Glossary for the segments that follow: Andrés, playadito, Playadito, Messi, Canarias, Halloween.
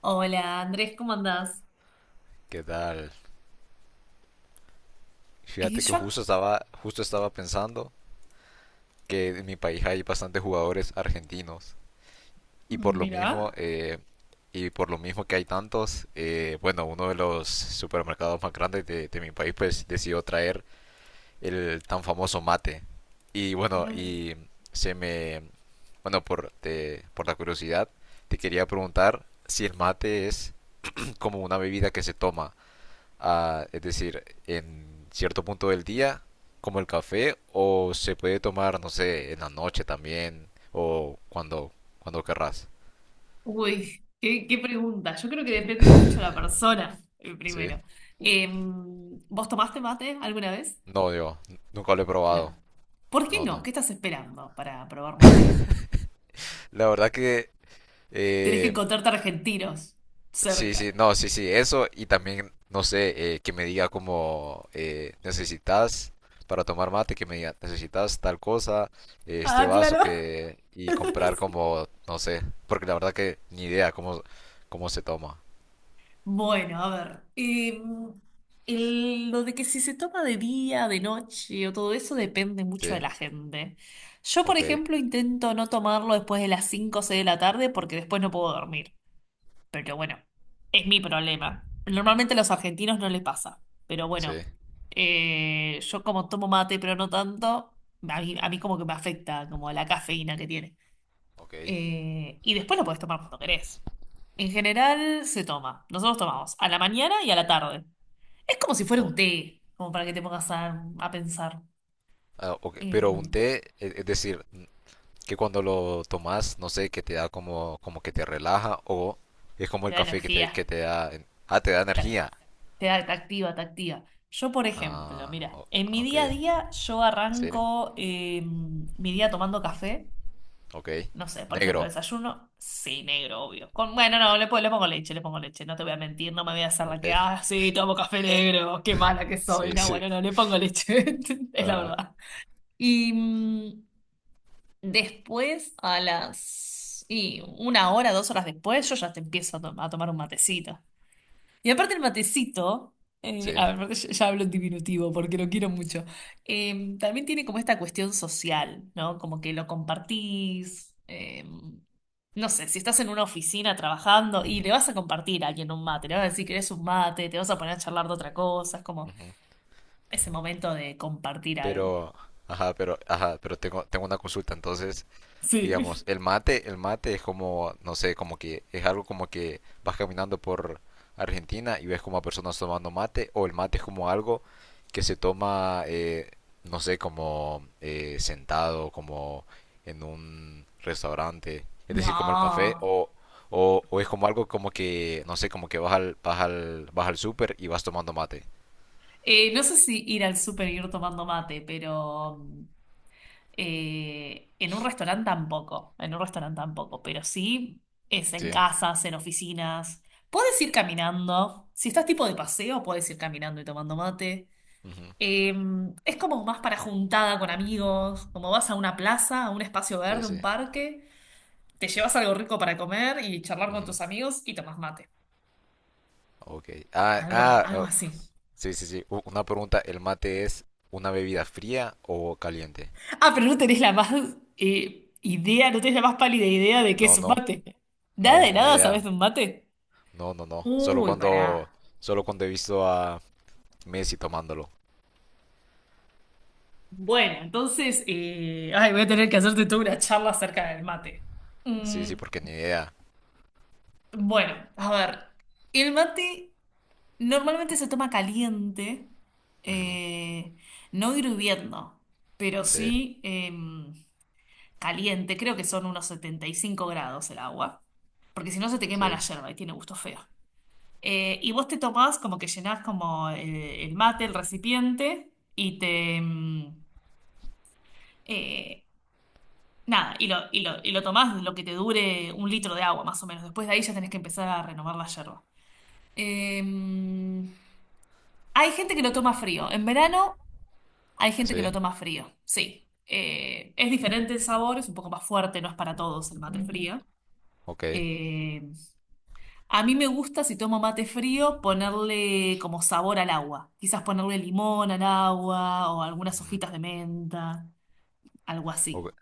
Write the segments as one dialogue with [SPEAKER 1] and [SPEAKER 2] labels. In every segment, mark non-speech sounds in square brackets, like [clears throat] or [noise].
[SPEAKER 1] Hola Andrés, ¿cómo andás?
[SPEAKER 2] ¿Qué tal?
[SPEAKER 1] Y
[SPEAKER 2] Fíjate que
[SPEAKER 1] yo, ac-
[SPEAKER 2] justo estaba pensando que en mi país hay bastantes jugadores argentinos y por lo
[SPEAKER 1] Mira,
[SPEAKER 2] mismo, eh, y por lo mismo que hay tantos, bueno, uno de los supermercados más grandes de mi país pues decidió traer el tan famoso mate. Y bueno, y se me, bueno, por la curiosidad, te quería preguntar si el mate es [clears throat] como una bebida que se toma es decir, en cierto punto del día, como el café, o se puede tomar, no sé, en la noche también, o cuando querrás.
[SPEAKER 1] qué pregunta. Yo creo que depende mucho de la persona,
[SPEAKER 2] [laughs] Sí,
[SPEAKER 1] primero. ¿Vos tomaste mate alguna vez?
[SPEAKER 2] no, yo nunca lo he probado.
[SPEAKER 1] No. ¿Por qué
[SPEAKER 2] No,
[SPEAKER 1] no?
[SPEAKER 2] no.
[SPEAKER 1] ¿Qué estás esperando para probar mate?
[SPEAKER 2] La verdad que
[SPEAKER 1] Tenés que
[SPEAKER 2] eh,
[SPEAKER 1] encontrarte argentinos
[SPEAKER 2] sí,
[SPEAKER 1] cerca.
[SPEAKER 2] sí, no, sí, sí, eso y también, no sé, que me diga como necesitas para tomar mate, que me diga necesitas tal cosa, este
[SPEAKER 1] Ah,
[SPEAKER 2] vaso
[SPEAKER 1] claro.
[SPEAKER 2] que y comprar
[SPEAKER 1] [laughs]
[SPEAKER 2] como, no sé, porque la verdad que ni idea cómo se toma.
[SPEAKER 1] Bueno, a ver, lo de que si se toma de día, de noche o todo eso depende mucho de
[SPEAKER 2] Sí,
[SPEAKER 1] la gente. Yo, por
[SPEAKER 2] ok,
[SPEAKER 1] ejemplo, intento no tomarlo después de las 5 o 6 de la tarde porque después no puedo dormir. Pero bueno, es mi problema. Normalmente a los argentinos no les pasa. Pero bueno,
[SPEAKER 2] sí,
[SPEAKER 1] yo como tomo mate, pero no tanto, a mí como que me afecta, como la cafeína que tiene.
[SPEAKER 2] ok.
[SPEAKER 1] Y después lo podés tomar cuando querés. En general se toma. Nosotros tomamos a la mañana y a la tarde. Es como si fuera
[SPEAKER 2] O-
[SPEAKER 1] un té, como para que te pongas a pensar.
[SPEAKER 2] ok,
[SPEAKER 1] Eh,
[SPEAKER 2] pero un té, es decir, que cuando lo tomas, no sé, que te da como que te relaja o es como
[SPEAKER 1] Te
[SPEAKER 2] el
[SPEAKER 1] da
[SPEAKER 2] café que te, que
[SPEAKER 1] energía,
[SPEAKER 2] te da, te da
[SPEAKER 1] te,
[SPEAKER 2] energía.
[SPEAKER 1] te activa, te activa. Yo, por ejemplo,
[SPEAKER 2] Ah,
[SPEAKER 1] mira, en mi
[SPEAKER 2] ok.
[SPEAKER 1] día a día yo
[SPEAKER 2] Sí,
[SPEAKER 1] arranco mi día tomando café.
[SPEAKER 2] ok.
[SPEAKER 1] No sé, por ejemplo,
[SPEAKER 2] Negro,
[SPEAKER 1] desayuno, sí, negro, obvio. Con, bueno, no, le pongo leche, no te voy a mentir, no me voy a hacer la que,
[SPEAKER 2] ok.
[SPEAKER 1] ah, sí, tomo café negro, qué mala que
[SPEAKER 2] Sí,
[SPEAKER 1] soy. No,
[SPEAKER 2] sí.
[SPEAKER 1] bueno, no, le pongo leche, [laughs] es la
[SPEAKER 2] Ajá,
[SPEAKER 1] verdad. Y mm, después, a las... Y una hora, dos horas después, yo ya te empiezo a tomar un matecito. Y aparte el matecito,
[SPEAKER 2] sí.
[SPEAKER 1] a ver, ya hablo en diminutivo porque lo quiero mucho, también tiene como esta cuestión social, ¿no? Como que lo compartís, no sé, si estás en una oficina trabajando y le vas a compartir a alguien un mate, le vas a decir que eres un mate, te vas a poner a charlar de otra cosa, es como
[SPEAKER 2] Ujú.
[SPEAKER 1] ese momento de compartir algo.
[SPEAKER 2] Pero, ajá, pero, ajá, pero tengo una consulta. Entonces,
[SPEAKER 1] Sí. [laughs]
[SPEAKER 2] digamos, el mate es como, no sé, como que es algo como que vas caminando por Argentina y ves como a personas tomando mate, o el mate es como algo que se toma, no sé, como sentado, como en un restaurante, es decir, como el café,
[SPEAKER 1] No.
[SPEAKER 2] o es como algo como que, no sé, como que vas al súper y vas tomando mate.
[SPEAKER 1] No sé si ir al súper y ir tomando mate, pero... en un restaurante tampoco, en un restaurante tampoco, pero sí es en
[SPEAKER 2] Sí,
[SPEAKER 1] casas, en oficinas. Puedes ir caminando, si estás tipo de paseo, puedes ir caminando y tomando mate.
[SPEAKER 2] ujú,
[SPEAKER 1] Eh, es como más para juntada con amigos, como vas a una plaza, a un espacio
[SPEAKER 2] sí,
[SPEAKER 1] verde,
[SPEAKER 2] sí.
[SPEAKER 1] un parque, te llevas algo rico para comer y charlar con
[SPEAKER 2] Ujú,
[SPEAKER 1] tus amigos y tomas mate.
[SPEAKER 2] ok. Ah,
[SPEAKER 1] Algo,
[SPEAKER 2] ah,
[SPEAKER 1] algo
[SPEAKER 2] oh,
[SPEAKER 1] así.
[SPEAKER 2] sí, sí, sí. Una pregunta, ¿el mate es una bebida fría o caliente?
[SPEAKER 1] Ah, pero no tenés la más idea, no tenés la más pálida idea de qué
[SPEAKER 2] No,
[SPEAKER 1] es un
[SPEAKER 2] no,
[SPEAKER 1] mate.
[SPEAKER 2] no,
[SPEAKER 1] Nada de
[SPEAKER 2] ni
[SPEAKER 1] nada
[SPEAKER 2] idea.
[SPEAKER 1] sabes de un mate.
[SPEAKER 2] No, no, no. Solo
[SPEAKER 1] Uy,
[SPEAKER 2] cuando,
[SPEAKER 1] pará.
[SPEAKER 2] solo cuando he visto a Messi tomándolo.
[SPEAKER 1] Bueno, entonces, ay, voy a tener que hacerte toda una charla acerca del mate.
[SPEAKER 2] Sí,
[SPEAKER 1] Mm,
[SPEAKER 2] sí, porque ni idea.
[SPEAKER 1] bueno, a ver, el mate normalmente se toma caliente,
[SPEAKER 2] Ujú.
[SPEAKER 1] eh, no hirviendo, pero
[SPEAKER 2] Sí,
[SPEAKER 1] sí caliente, creo que son unos 75 grados el agua, porque si no se te quema
[SPEAKER 2] sí,
[SPEAKER 1] la yerba y tiene gusto feo. Y vos te tomás como que llenás como el mate, el recipiente, y te... eh, nada, y lo tomás lo que te dure un litro de agua, más o menos. Después de ahí ya tenés que empezar a renovar la yerba. Em, hay gente que lo toma frío. En verano hay gente que
[SPEAKER 2] sí.
[SPEAKER 1] lo toma frío, sí. Es diferente el sabor, es un poco más fuerte, no es para todos el mate frío.
[SPEAKER 2] Ok.
[SPEAKER 1] Em, a mí me gusta, si tomo mate frío, ponerle como sabor al agua. Quizás ponerle limón al agua o algunas
[SPEAKER 2] Ujú.
[SPEAKER 1] hojitas de menta, algo
[SPEAKER 2] Ok.
[SPEAKER 1] así.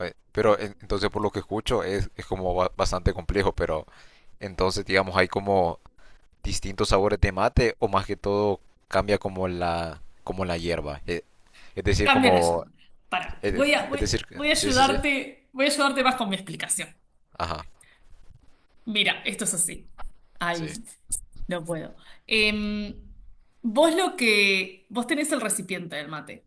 [SPEAKER 2] Pero entonces por lo que escucho es como bastante complejo, pero entonces digamos hay como distintos sabores de mate o más que todo cambia como la hierba. Es decir,
[SPEAKER 1] Cambia la
[SPEAKER 2] como
[SPEAKER 1] llamada. Para,
[SPEAKER 2] Es, es- decir, sí, sí, sí.
[SPEAKER 1] voy a ayudarte más con mi explicación.
[SPEAKER 2] Ajá,
[SPEAKER 1] Mira, esto es así. Ay,
[SPEAKER 2] sí.
[SPEAKER 1] no puedo. Em, vos tenés el recipiente del mate,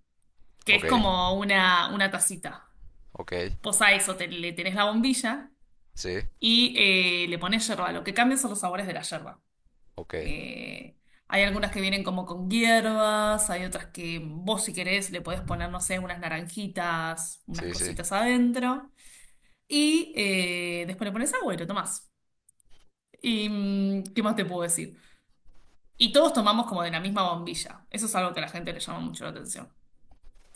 [SPEAKER 1] que es
[SPEAKER 2] Ok,
[SPEAKER 1] como una tacita.
[SPEAKER 2] ok,
[SPEAKER 1] Vos a eso le tenés la bombilla
[SPEAKER 2] sí,
[SPEAKER 1] y le pones yerba. Lo que cambia son los sabores de la yerba.
[SPEAKER 2] ok,
[SPEAKER 1] Eh, hay algunas que vienen como con hierbas, hay otras que vos si querés le podés poner, no sé, unas naranjitas, unas
[SPEAKER 2] sí, sí.
[SPEAKER 1] cositas adentro. Y después le pones agua y lo tomás. ¿Y qué más te puedo decir? Y todos tomamos como de la misma bombilla. Eso es algo que a la gente le llama mucho la atención.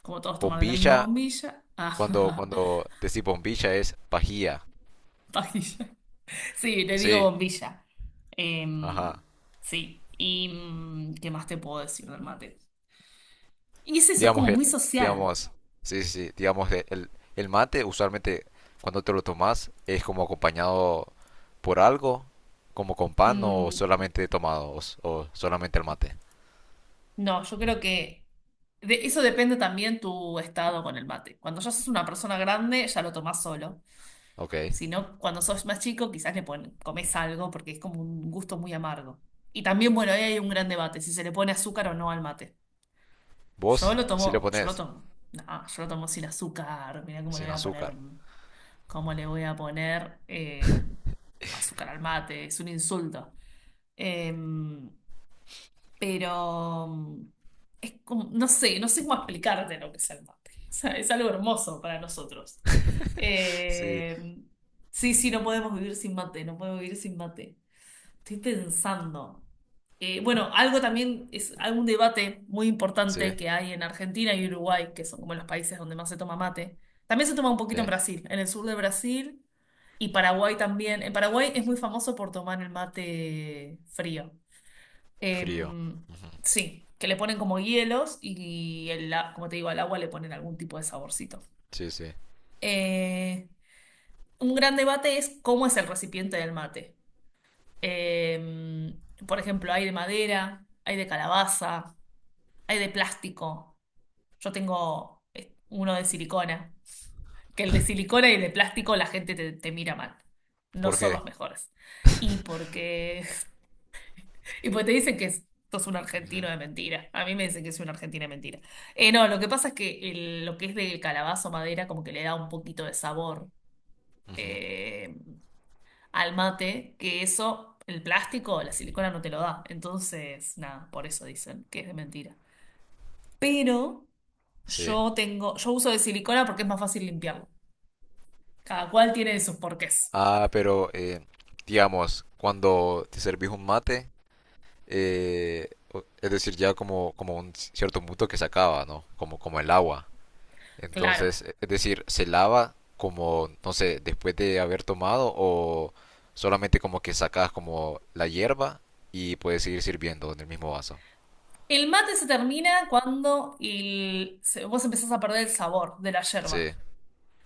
[SPEAKER 1] Como todos toman de la misma
[SPEAKER 2] Bombilla,
[SPEAKER 1] bombilla. [laughs]
[SPEAKER 2] cuando,
[SPEAKER 1] Ah,
[SPEAKER 2] cuando decís bombilla es pajía.
[SPEAKER 1] pajilla. Sí, le digo
[SPEAKER 2] Sí,
[SPEAKER 1] bombilla. Em,
[SPEAKER 2] ajá.
[SPEAKER 1] sí. ¿Y qué más te puedo decir del mate? Y es eso, es
[SPEAKER 2] Digamos,
[SPEAKER 1] como muy social.
[SPEAKER 2] digamos, sí, sí, sí, digamos, el mate usualmente cuando te lo tomas es como acompañado por algo, como con pan o
[SPEAKER 1] Mm,
[SPEAKER 2] solamente tomado o, o solamente el mate.
[SPEAKER 1] no, yo creo que de eso depende también tu estado con el mate. Cuando ya sos una persona grande, ya lo tomás solo.
[SPEAKER 2] Ok.
[SPEAKER 1] Si no, cuando sos más chico, quizás comes algo porque es como un gusto muy amargo. Y también, bueno, ahí hay un gran debate, si se le pone azúcar o no al mate.
[SPEAKER 2] ¿Vos? Sí lo pones
[SPEAKER 1] Yo lo tomo sin azúcar, mirá cómo le
[SPEAKER 2] sin
[SPEAKER 1] voy a poner,
[SPEAKER 2] azúcar.
[SPEAKER 1] cómo le voy a poner azúcar al mate, es un insulto. Eh, pero es como, no sé, no sé cómo explicarte lo que es el mate. [laughs] O sea, es algo hermoso para nosotros.
[SPEAKER 2] [laughs] Sí,
[SPEAKER 1] Eh, sí, sí, no podemos vivir sin mate, no podemos vivir sin mate. Estoy pensando. Bueno, algo también es algún debate muy
[SPEAKER 2] sí,
[SPEAKER 1] importante que hay en Argentina y Uruguay, que son como los países donde más se toma mate. También se toma un poquito en
[SPEAKER 2] sí.
[SPEAKER 1] Brasil, en el sur de Brasil y Paraguay también. En Paraguay es muy famoso por tomar el mate frío.
[SPEAKER 2] Frío.
[SPEAKER 1] Em, sí, que le ponen como hielos y, como te digo, al agua le ponen algún tipo de saborcito.
[SPEAKER 2] Sí, sí.
[SPEAKER 1] Eh, un gran debate es cómo es el recipiente del mate. Em, por ejemplo, hay de madera, hay de calabaza, hay de plástico. Yo tengo uno de silicona, que el de silicona y el de plástico la gente te mira mal. No
[SPEAKER 2] ¿Por
[SPEAKER 1] son
[SPEAKER 2] qué?
[SPEAKER 1] los mejores. Y porque y pues te dicen sos un argentino
[SPEAKER 2] Ujú,
[SPEAKER 1] de mentira. A mí me dicen que soy un argentino de mentira. No, lo que pasa es que lo que es del calabazo madera como que le da un poquito de sabor
[SPEAKER 2] ujú,
[SPEAKER 1] eh, al mate, que eso, el plástico, la silicona no te lo da. Entonces, nada, por eso dicen que es de mentira. Pero
[SPEAKER 2] sí.
[SPEAKER 1] yo tengo, yo uso de silicona porque es más fácil limpiarlo. Cada cual tiene sus porqués.
[SPEAKER 2] Ah, pero digamos, cuando te servís un mate, es decir, ya como, como un cierto punto que se acaba, ¿no? Como, como el agua.
[SPEAKER 1] Claro.
[SPEAKER 2] Entonces, es decir, ¿se lava como, no sé, después de haber tomado o solamente como que sacas como la hierba y puedes seguir sirviendo en el mismo vaso?
[SPEAKER 1] El mate se termina cuando vos empezás a perder el sabor de la
[SPEAKER 2] Sí,
[SPEAKER 1] yerba.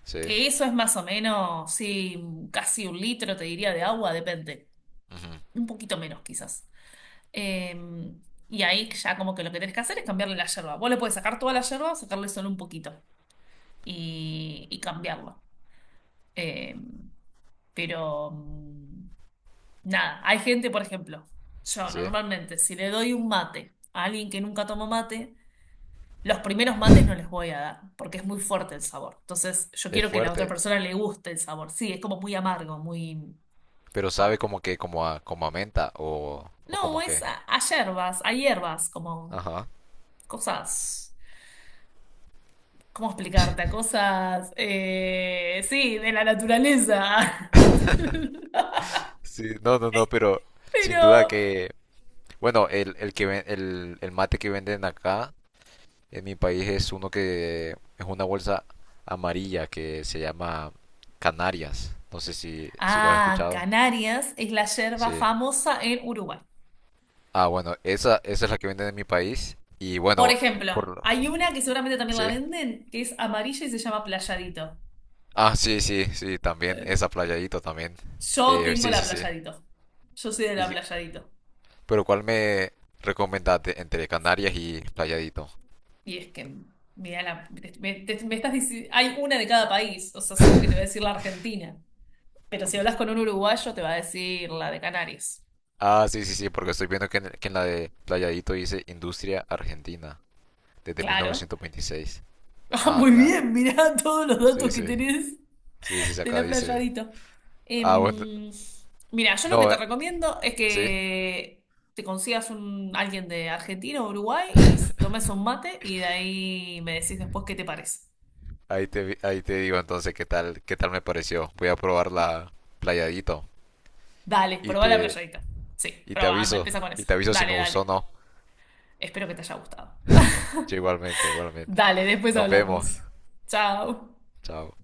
[SPEAKER 2] sí,
[SPEAKER 1] Que eso es más o menos, sí, casi un litro, te diría, de agua, depende.
[SPEAKER 2] ujú,
[SPEAKER 1] Un poquito menos, quizás. Eh, y ahí ya como que lo que tenés que hacer es cambiarle la yerba. Vos le podés sacar toda la yerba o sacarle solo un poquito y cambiarlo. Eh, pero nada, hay gente, por ejemplo, yo
[SPEAKER 2] sí.
[SPEAKER 1] normalmente, si le doy un mate a alguien que nunca tomó mate, los primeros mates no les voy a dar, porque es muy fuerte el sabor. Entonces, yo
[SPEAKER 2] Es
[SPEAKER 1] quiero que a la otra
[SPEAKER 2] fuerte,
[SPEAKER 1] persona le guste el sabor. Sí, es como muy amargo, muy
[SPEAKER 2] pero sabe
[SPEAKER 1] fuerte.
[SPEAKER 2] como que como a menta o como
[SPEAKER 1] No,
[SPEAKER 2] a
[SPEAKER 1] es
[SPEAKER 2] qué.
[SPEAKER 1] a hierbas, como
[SPEAKER 2] Ajá.
[SPEAKER 1] cosas. ¿Cómo explicarte? A cosas, sí, de la naturaleza. [laughs]
[SPEAKER 2] Sí, no, no, no, pero sin
[SPEAKER 1] Pero,
[SPEAKER 2] duda que, bueno, el mate que venden acá en mi país es uno que es una bolsa amarilla que se llama Canarias. No sé si lo has
[SPEAKER 1] ah,
[SPEAKER 2] escuchado.
[SPEAKER 1] Canarias es la yerba
[SPEAKER 2] Sí.
[SPEAKER 1] famosa en Uruguay.
[SPEAKER 2] Ah, bueno, esa es la que venden en mi país. Y
[SPEAKER 1] Por
[SPEAKER 2] bueno, por
[SPEAKER 1] ejemplo,
[SPEAKER 2] lo...
[SPEAKER 1] hay una que seguramente también la
[SPEAKER 2] sí.
[SPEAKER 1] venden, que es amarilla y se llama Playadito.
[SPEAKER 2] Ah, sí, sí, sí, también.
[SPEAKER 1] Eh,
[SPEAKER 2] Esa Playadito también.
[SPEAKER 1] Yo tengo
[SPEAKER 2] Sí,
[SPEAKER 1] la
[SPEAKER 2] sí, sí.
[SPEAKER 1] Playadito. Yo soy de la
[SPEAKER 2] Y
[SPEAKER 1] Playadito.
[SPEAKER 2] Pero ¿cuál me recomendaste entre Canarias y Playadito?
[SPEAKER 1] Y es que, mira, me estás hay una de cada país, o sea, solo que te va a decir la Argentina. Pero si hablas con un uruguayo, te va a decir la de Canarias.
[SPEAKER 2] Ah, sí, sí, sí, porque estoy viendo que que en la de Playadito dice Industria Argentina, desde
[SPEAKER 1] Claro. [laughs]
[SPEAKER 2] 1926.
[SPEAKER 1] Ah,
[SPEAKER 2] Ah,
[SPEAKER 1] muy
[SPEAKER 2] claro.
[SPEAKER 1] bien, mirá todos los
[SPEAKER 2] Sí,
[SPEAKER 1] datos que
[SPEAKER 2] sí.
[SPEAKER 1] tenés
[SPEAKER 2] Sí, sí, sí,
[SPEAKER 1] de
[SPEAKER 2] acá
[SPEAKER 1] la
[SPEAKER 2] dice.
[SPEAKER 1] Playadita.
[SPEAKER 2] Ah, bueno.
[SPEAKER 1] Em, mira, yo lo que
[SPEAKER 2] No,
[SPEAKER 1] te recomiendo es
[SPEAKER 2] sí.
[SPEAKER 1] que te consigas un, alguien de Argentina o Uruguay y tomes un mate y de ahí me decís después qué te parece.
[SPEAKER 2] Ahí te digo entonces qué tal me pareció. Voy a probar la Playadito.
[SPEAKER 1] Dale,
[SPEAKER 2] Y
[SPEAKER 1] probá la
[SPEAKER 2] te,
[SPEAKER 1] Playadita. Sí,
[SPEAKER 2] y te
[SPEAKER 1] probá, anda,
[SPEAKER 2] aviso.
[SPEAKER 1] empieza con
[SPEAKER 2] Y
[SPEAKER 1] eso.
[SPEAKER 2] te aviso si me
[SPEAKER 1] Dale,
[SPEAKER 2] gustó o
[SPEAKER 1] dale.
[SPEAKER 2] no.
[SPEAKER 1] Espero que te haya gustado.
[SPEAKER 2] Yo igualmente, igualmente.
[SPEAKER 1] Dale, después
[SPEAKER 2] Nos
[SPEAKER 1] hablamos.
[SPEAKER 2] vemos.
[SPEAKER 1] Chao.
[SPEAKER 2] Chao.